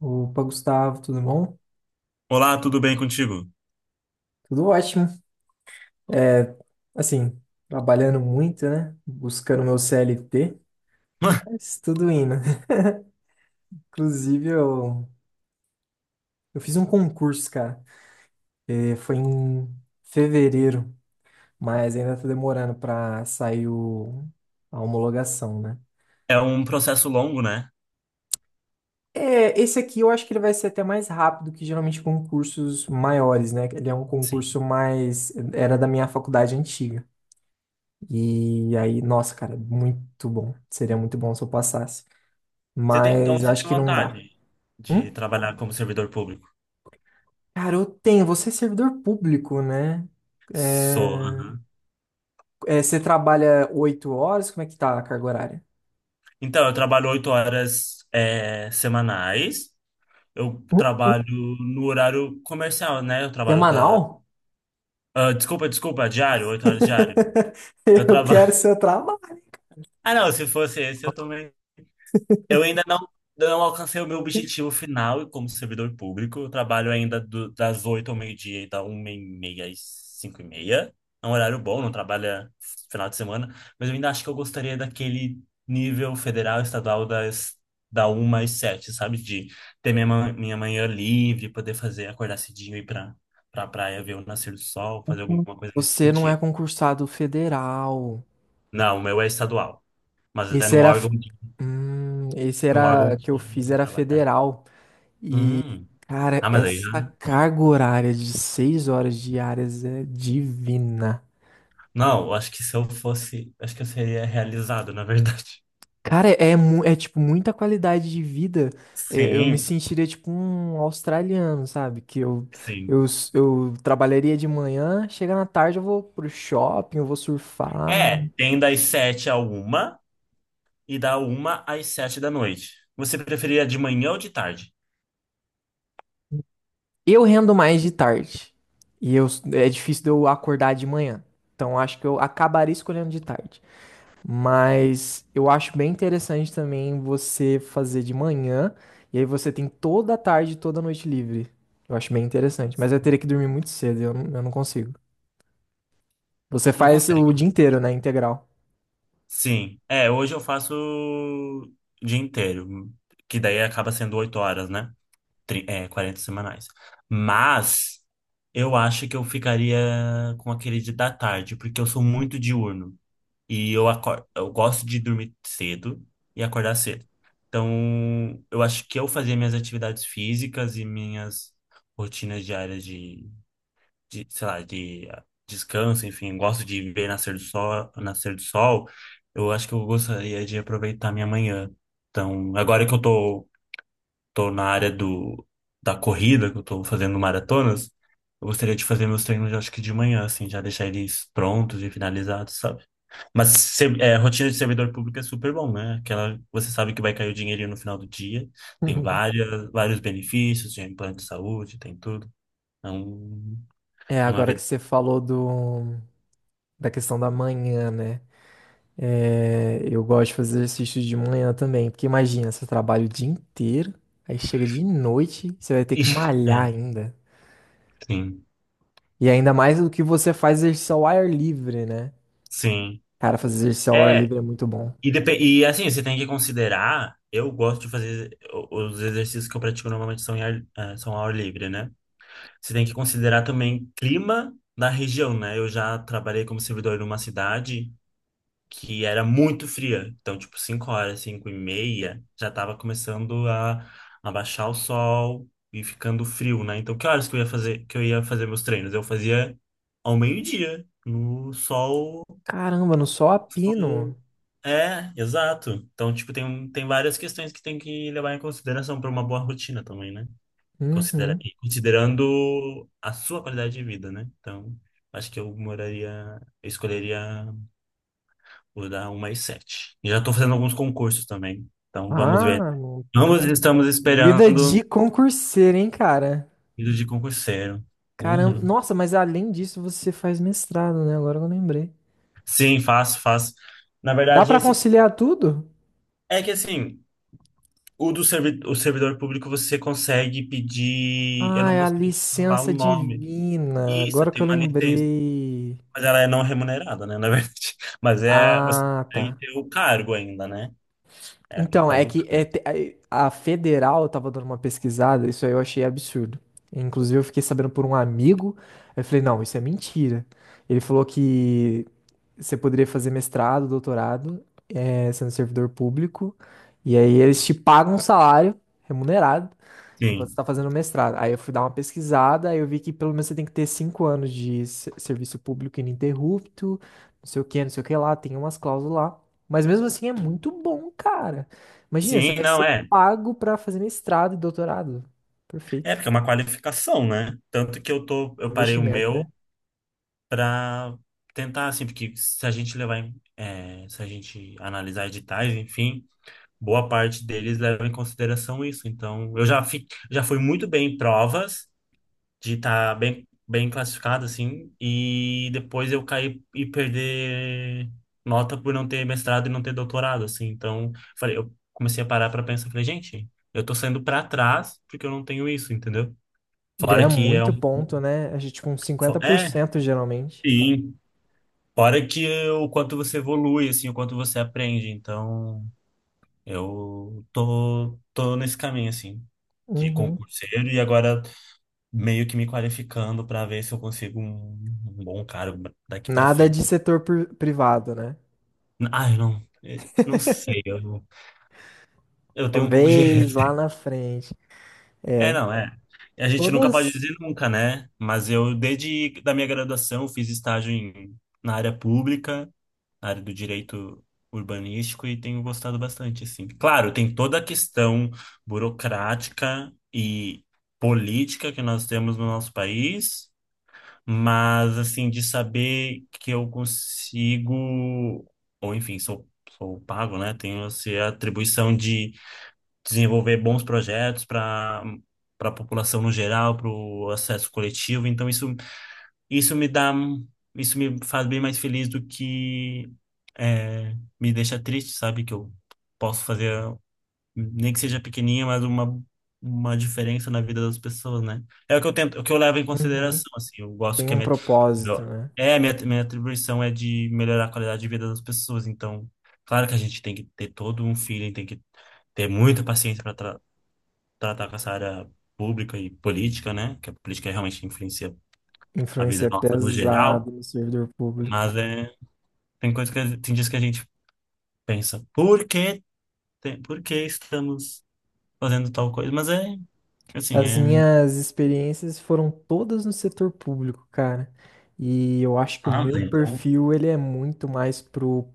Opa, Gustavo, tudo bom? Olá, tudo bem contigo? Tudo ótimo. É, assim, Trabalhando muito, né? Buscando meu CLT, mas tudo indo. Inclusive, eu fiz um concurso, cara. Foi em fevereiro, mas ainda tá demorando pra sair a homologação, né? É um processo longo, né? É, esse aqui eu acho que ele vai ser até mais rápido que geralmente concursos maiores, né? Ele é um Sim. concurso mais... Era da minha faculdade antiga. E aí, nossa, cara, muito bom. Seria muito bom se eu passasse. Então Mas você acho tem que não dá. vontade de Hum? trabalhar como servidor público? Cara, eu tenho. Você é servidor público, né? Sou, É, aham. Você trabalha 8 horas? Como é que tá a carga horária? Então, eu trabalho oito horas, semanais. Eu Hum? trabalho no horário comercial, né? Eu trabalho da. Semanal? Ah, desculpa, desculpa, diário, oito horas diário. Eu Eu trabalho. quero seu trabalho. Ah, não, se fosse esse, eu também. Eu ainda não alcancei o meu objetivo final como servidor público. Eu trabalho ainda das 8 ao meio-dia e da 1 e meia às 5 e meia. É um horário bom, não trabalha final de semana. Mas eu ainda acho que eu gostaria daquele nível federal, estadual, da 1 às 7, sabe? De ter minha manhã livre, poder fazer, acordar cedinho e ir pra praia ver o nascer do sol, fazer alguma coisa nesse Você não é sentido. concursado federal. Não, o meu é estadual. Mas é Esse num era. órgão, de- Esse num era órgão que eu fiz, que era trabalha. federal. E, Hum. cara, Ah, mas aí já. essa carga horária de 6 horas diárias é divina. Não, eu acho que se eu fosse, acho que eu seria realizado, na verdade. Cara, é tipo muita qualidade de vida. É, eu me Sim, sentiria tipo um australiano, sabe? Que eu, sim. s- Eu trabalharia de manhã, chega na tarde eu vou pro shopping, eu vou surfar. É, tem das sete à uma e da uma às sete da noite. Você preferia de manhã ou de tarde? Eu rendo mais de tarde. E eu, É difícil de eu acordar de manhã. Então acho que eu acabaria escolhendo de tarde. Mas eu acho bem interessante também você fazer de manhã e aí você tem toda a tarde, e toda a noite livre. Eu acho bem interessante, mas eu teria que dormir muito cedo, eu não consigo. Você Não faz o consegue. dia inteiro, né, integral. Sim. É, hoje eu faço o dia inteiro, que daí acaba sendo oito horas, né? É, 40 semanais. Mas eu acho que eu ficaria com aquele de da tarde, porque eu sou muito diurno. E eu acordo, eu gosto de dormir cedo e acordar cedo. Então, eu acho que eu fazer minhas atividades físicas e minhas rotinas diárias, sei lá, descanso, enfim, eu gosto de ver nascer do sol. Eu acho que eu gostaria de aproveitar minha manhã. Então, agora que tô na da corrida, que eu tô fazendo maratonas, eu gostaria de fazer meus treinos, eu acho que de manhã, assim, já deixar eles prontos e finalizados, sabe? Mas rotina de servidor público é super bom, né? Aquela, você sabe que vai cair o dinheirinho no final do dia. Tem vários benefícios, tem plano de saúde, tem tudo. É, um, É, é uma agora que vida. você falou da questão da manhã, né? É, eu gosto de fazer exercício de manhã também, porque imagina, você trabalha o dia inteiro, aí chega de noite, você vai ter que Ixi, malhar ainda. sim, E ainda mais do que você faz exercício ao ar livre, né? sim. Cara, fazer exercício ao ar É, livre é muito bom. e assim, você tem que considerar. Eu gosto de fazer os exercícios que eu pratico normalmente são ao ar livre, né? Você tem que considerar também clima da região, né? Eu já trabalhei como servidor numa cidade que era muito fria. Então, tipo, 5 horas, 5 e meia, já tava começando a baixar o sol e ficando frio, né? Então, que eu ia fazer meus treinos? Eu fazia ao meio-dia, no sol. Caramba, no sol a pino. É, exato. Então, tipo, tem várias questões que tem que levar em consideração para uma boa rotina também, né? Uhum. Considerando a sua qualidade de vida, né? Então, acho que eu moraria, eu escolheria. Vou dar uma e sete. Já estou fazendo alguns concursos também. Então vamos ver. Ah, não, né? Ambos estamos Vida de esperando concurseiro, hein, cara? vida de concurseiro. Caramba, Uhum. nossa, mas além disso você faz mestrado, né? Agora que eu lembrei. Sim, faço, faço. Na Dá verdade, pra esse conciliar tudo? é que assim, o servidor público você consegue pedir. Eu não Ai, vou a saber falar o licença nome. divina. Isso, Agora que tem eu uma licença. lembrei. Mas ela é não remunerada, né? Na verdade. Mas é. Você Ah, consegue tá. ter o cargo ainda, né? É a Então, questão é do que é cargo. te- a federal eu tava dando uma pesquisada, isso aí eu achei absurdo. Inclusive, eu fiquei sabendo por um amigo, eu falei, não, isso é mentira. Ele falou que você poderia fazer mestrado, doutorado, sendo servidor público, e aí eles te pagam um salário remunerado, enquanto você Sim. tá fazendo mestrado. Aí eu fui dar uma pesquisada, aí eu vi que pelo menos você tem que ter 5 anos de serviço público ininterrupto, não sei o que, não sei o que lá, tem umas cláusulas lá. Mas mesmo assim é muito bom, cara. Imagina, você Sim, vai não ser é. pago pra fazer mestrado e doutorado. É, Perfeito. porque é uma qualificação, né? Tanto que eu parei o Investimento, né? meu pra tentar, assim, porque se a gente se a gente analisar editais, enfim, boa parte deles leva em consideração isso. Então, já fui muito bem em provas de estar bem classificado, assim, e depois eu caí e perder nota por não ter mestrado e não ter doutorado, assim. Então, falei, eu comecei a parar pra pensar, falei, gente, eu tô saindo pra trás porque eu não tenho isso, entendeu? Ganha Fora que é muito ponto, né? A gente, tipo, uns Fo- cinquenta por É, cento geralmente. sim. Fora que o quanto você evolui, assim, o quanto você aprende. Então, tô nesse caminho, assim, de Uhum. concurseiro e agora meio que me qualificando para ver se eu consigo um bom cargo daqui para Nada frente. de setor privado, né? Ai, não, não sei, eu tenho um pouco de. Talvez lá na frente. É, não, é. A gente nunca pode Todas. dizer nunca, né? Mas eu, desde da minha graduação, fiz estágio na área pública, na área do direito urbanístico, e tenho gostado bastante, assim. Claro, tem toda a questão burocrática e política que nós temos no nosso país, mas, assim, de saber que eu consigo, ou enfim, sou, sou pago, né? Tenho, assim, a atribuição de desenvolver bons projetos para a população no geral, para o acesso coletivo. Então isso me dá isso me faz bem mais feliz do que é, me deixa triste, sabe? Que eu posso fazer nem que seja pequenininha, mas uma diferença na vida das pessoas, né? É o que eu tento, o que eu levo em Uhum. consideração, assim. Eu gosto Tem que um propósito, meu- né? a minha atribuição é de melhorar a qualidade de vida das pessoas. Então, claro que a gente tem que ter todo um feeling, tem que ter muita paciência para tratar com essa área pública e política, né? Que a política realmente influencia a Influência vida nossa no pesada geral, no servidor público. mas é, tem coisas tem dias que a gente pensa, por que estamos fazendo tal coisa? Mas é, assim, As é... minhas experiências foram todas no setor público, cara. E eu acho que o Ah, meu mas então... perfil, ele é muito mais pro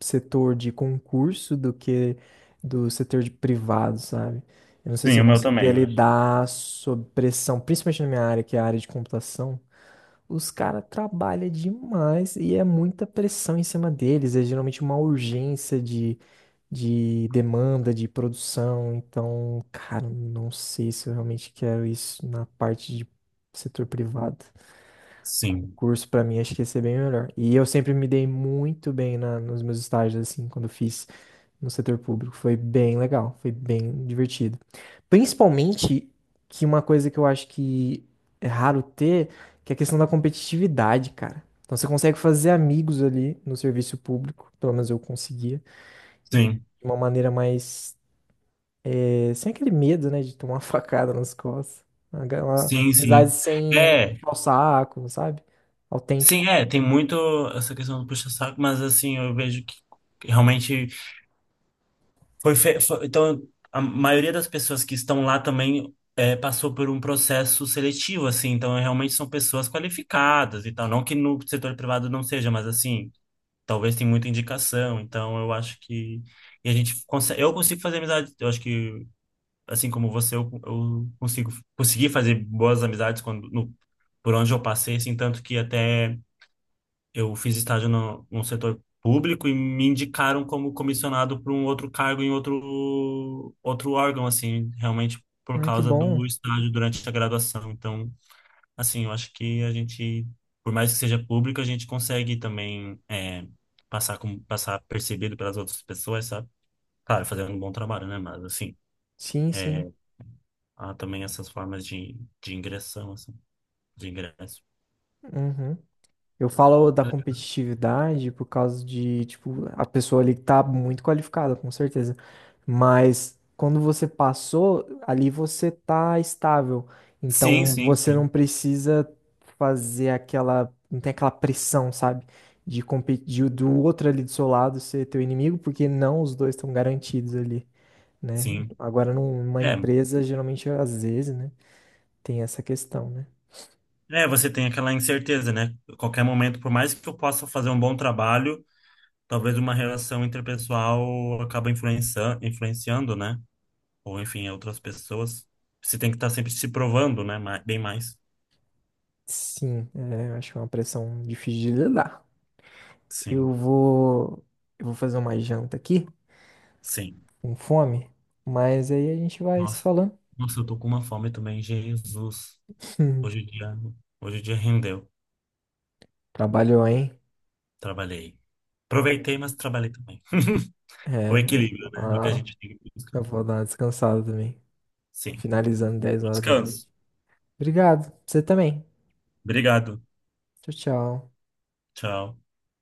setor de concurso do que do setor de privado, sabe? Eu não sei se Sim, eu o meu conseguiria também, eu acho. lidar sob pressão, principalmente na minha área, que é a área de computação. Os caras trabalham demais e é muita pressão em cima deles. É geralmente uma urgência de demanda, de produção. Então, cara, não sei se eu realmente quero isso na parte de setor privado. Sim, Concurso pra mim acho que ia ser bem melhor. E eu sempre me dei muito bem nos meus estágios, assim, quando eu fiz no setor público. Foi bem legal, foi bem divertido. Principalmente que uma coisa que eu acho que é raro ter, que é a questão da competitividade, cara. Então você consegue fazer amigos ali no serviço público, pelo menos eu conseguia, e de sim, uma maneira mais, sem aquele medo, né, de tomar uma facada nas costas. Uma sim, amizade sim. sem É, puxar o saco, sabe? sim, Autêntico. é, tem muito essa questão do puxa-saco, mas assim, eu vejo que realmente então, a maioria das pessoas que estão lá também passou por um processo seletivo, assim, então realmente são pessoas qualificadas e tal. Não que no setor privado não seja, mas assim, talvez tem muita indicação, então eu acho que. E a gente consegue, eu consigo fazer amizade, eu acho que, assim como você, eu consigo consegui fazer boas amizades quando, no, por onde eu passei, assim, tanto que até eu fiz estágio no setor público e me indicaram como comissionado para um outro cargo em outro órgão, assim, realmente por Ah, que causa bom. do estágio durante a graduação. Então, assim, eu acho que a gente, por mais que seja público, a gente consegue também passar, como, passar percebido pelas outras pessoas, sabe? Claro, fazendo um bom trabalho, né? Mas, assim, Sim, sim. é, há também essas formas de ingressão, assim, de ingresso. Uhum. Eu falo da competitividade por causa de, tipo, a pessoa ali tá muito qualificada, com certeza. Mas quando você passou, ali você tá estável. Sim, Então sim, você sim, não precisa fazer aquela, não tem aquela pressão, sabe? De competir do outro ali do seu lado ser teu inimigo, porque não os dois estão garantidos ali, né? sim. Agora numa É, empresa, geralmente às vezes, né, tem essa questão, né? é, você tem aquela incerteza, né? Qualquer momento, por mais que eu possa fazer um bom trabalho, talvez uma relação interpessoal acaba influenciando, né? Ou enfim, outras pessoas. Você tem que estar sempre se provando, né? Bem mais. Sim, é, eu acho que é uma pressão difícil de lidar. Eu Sim, vou, eu vou fazer uma janta aqui, sim. com fome, mas aí a gente vai se Nossa, falando. nossa, eu tô com uma fome também, Jesus. Hoje o dia, hoje o dia rendeu. Trabalhou, hein? Trabalhei. Aproveitei, mas trabalhei também. O É, equilíbrio, né? É o que a gente tem que buscar. eu vou dar uma descansada também. Sim. Finalizando 22h da noite. Descanso. Obrigado, você também. Obrigado. Tchau, tchau. Tchau.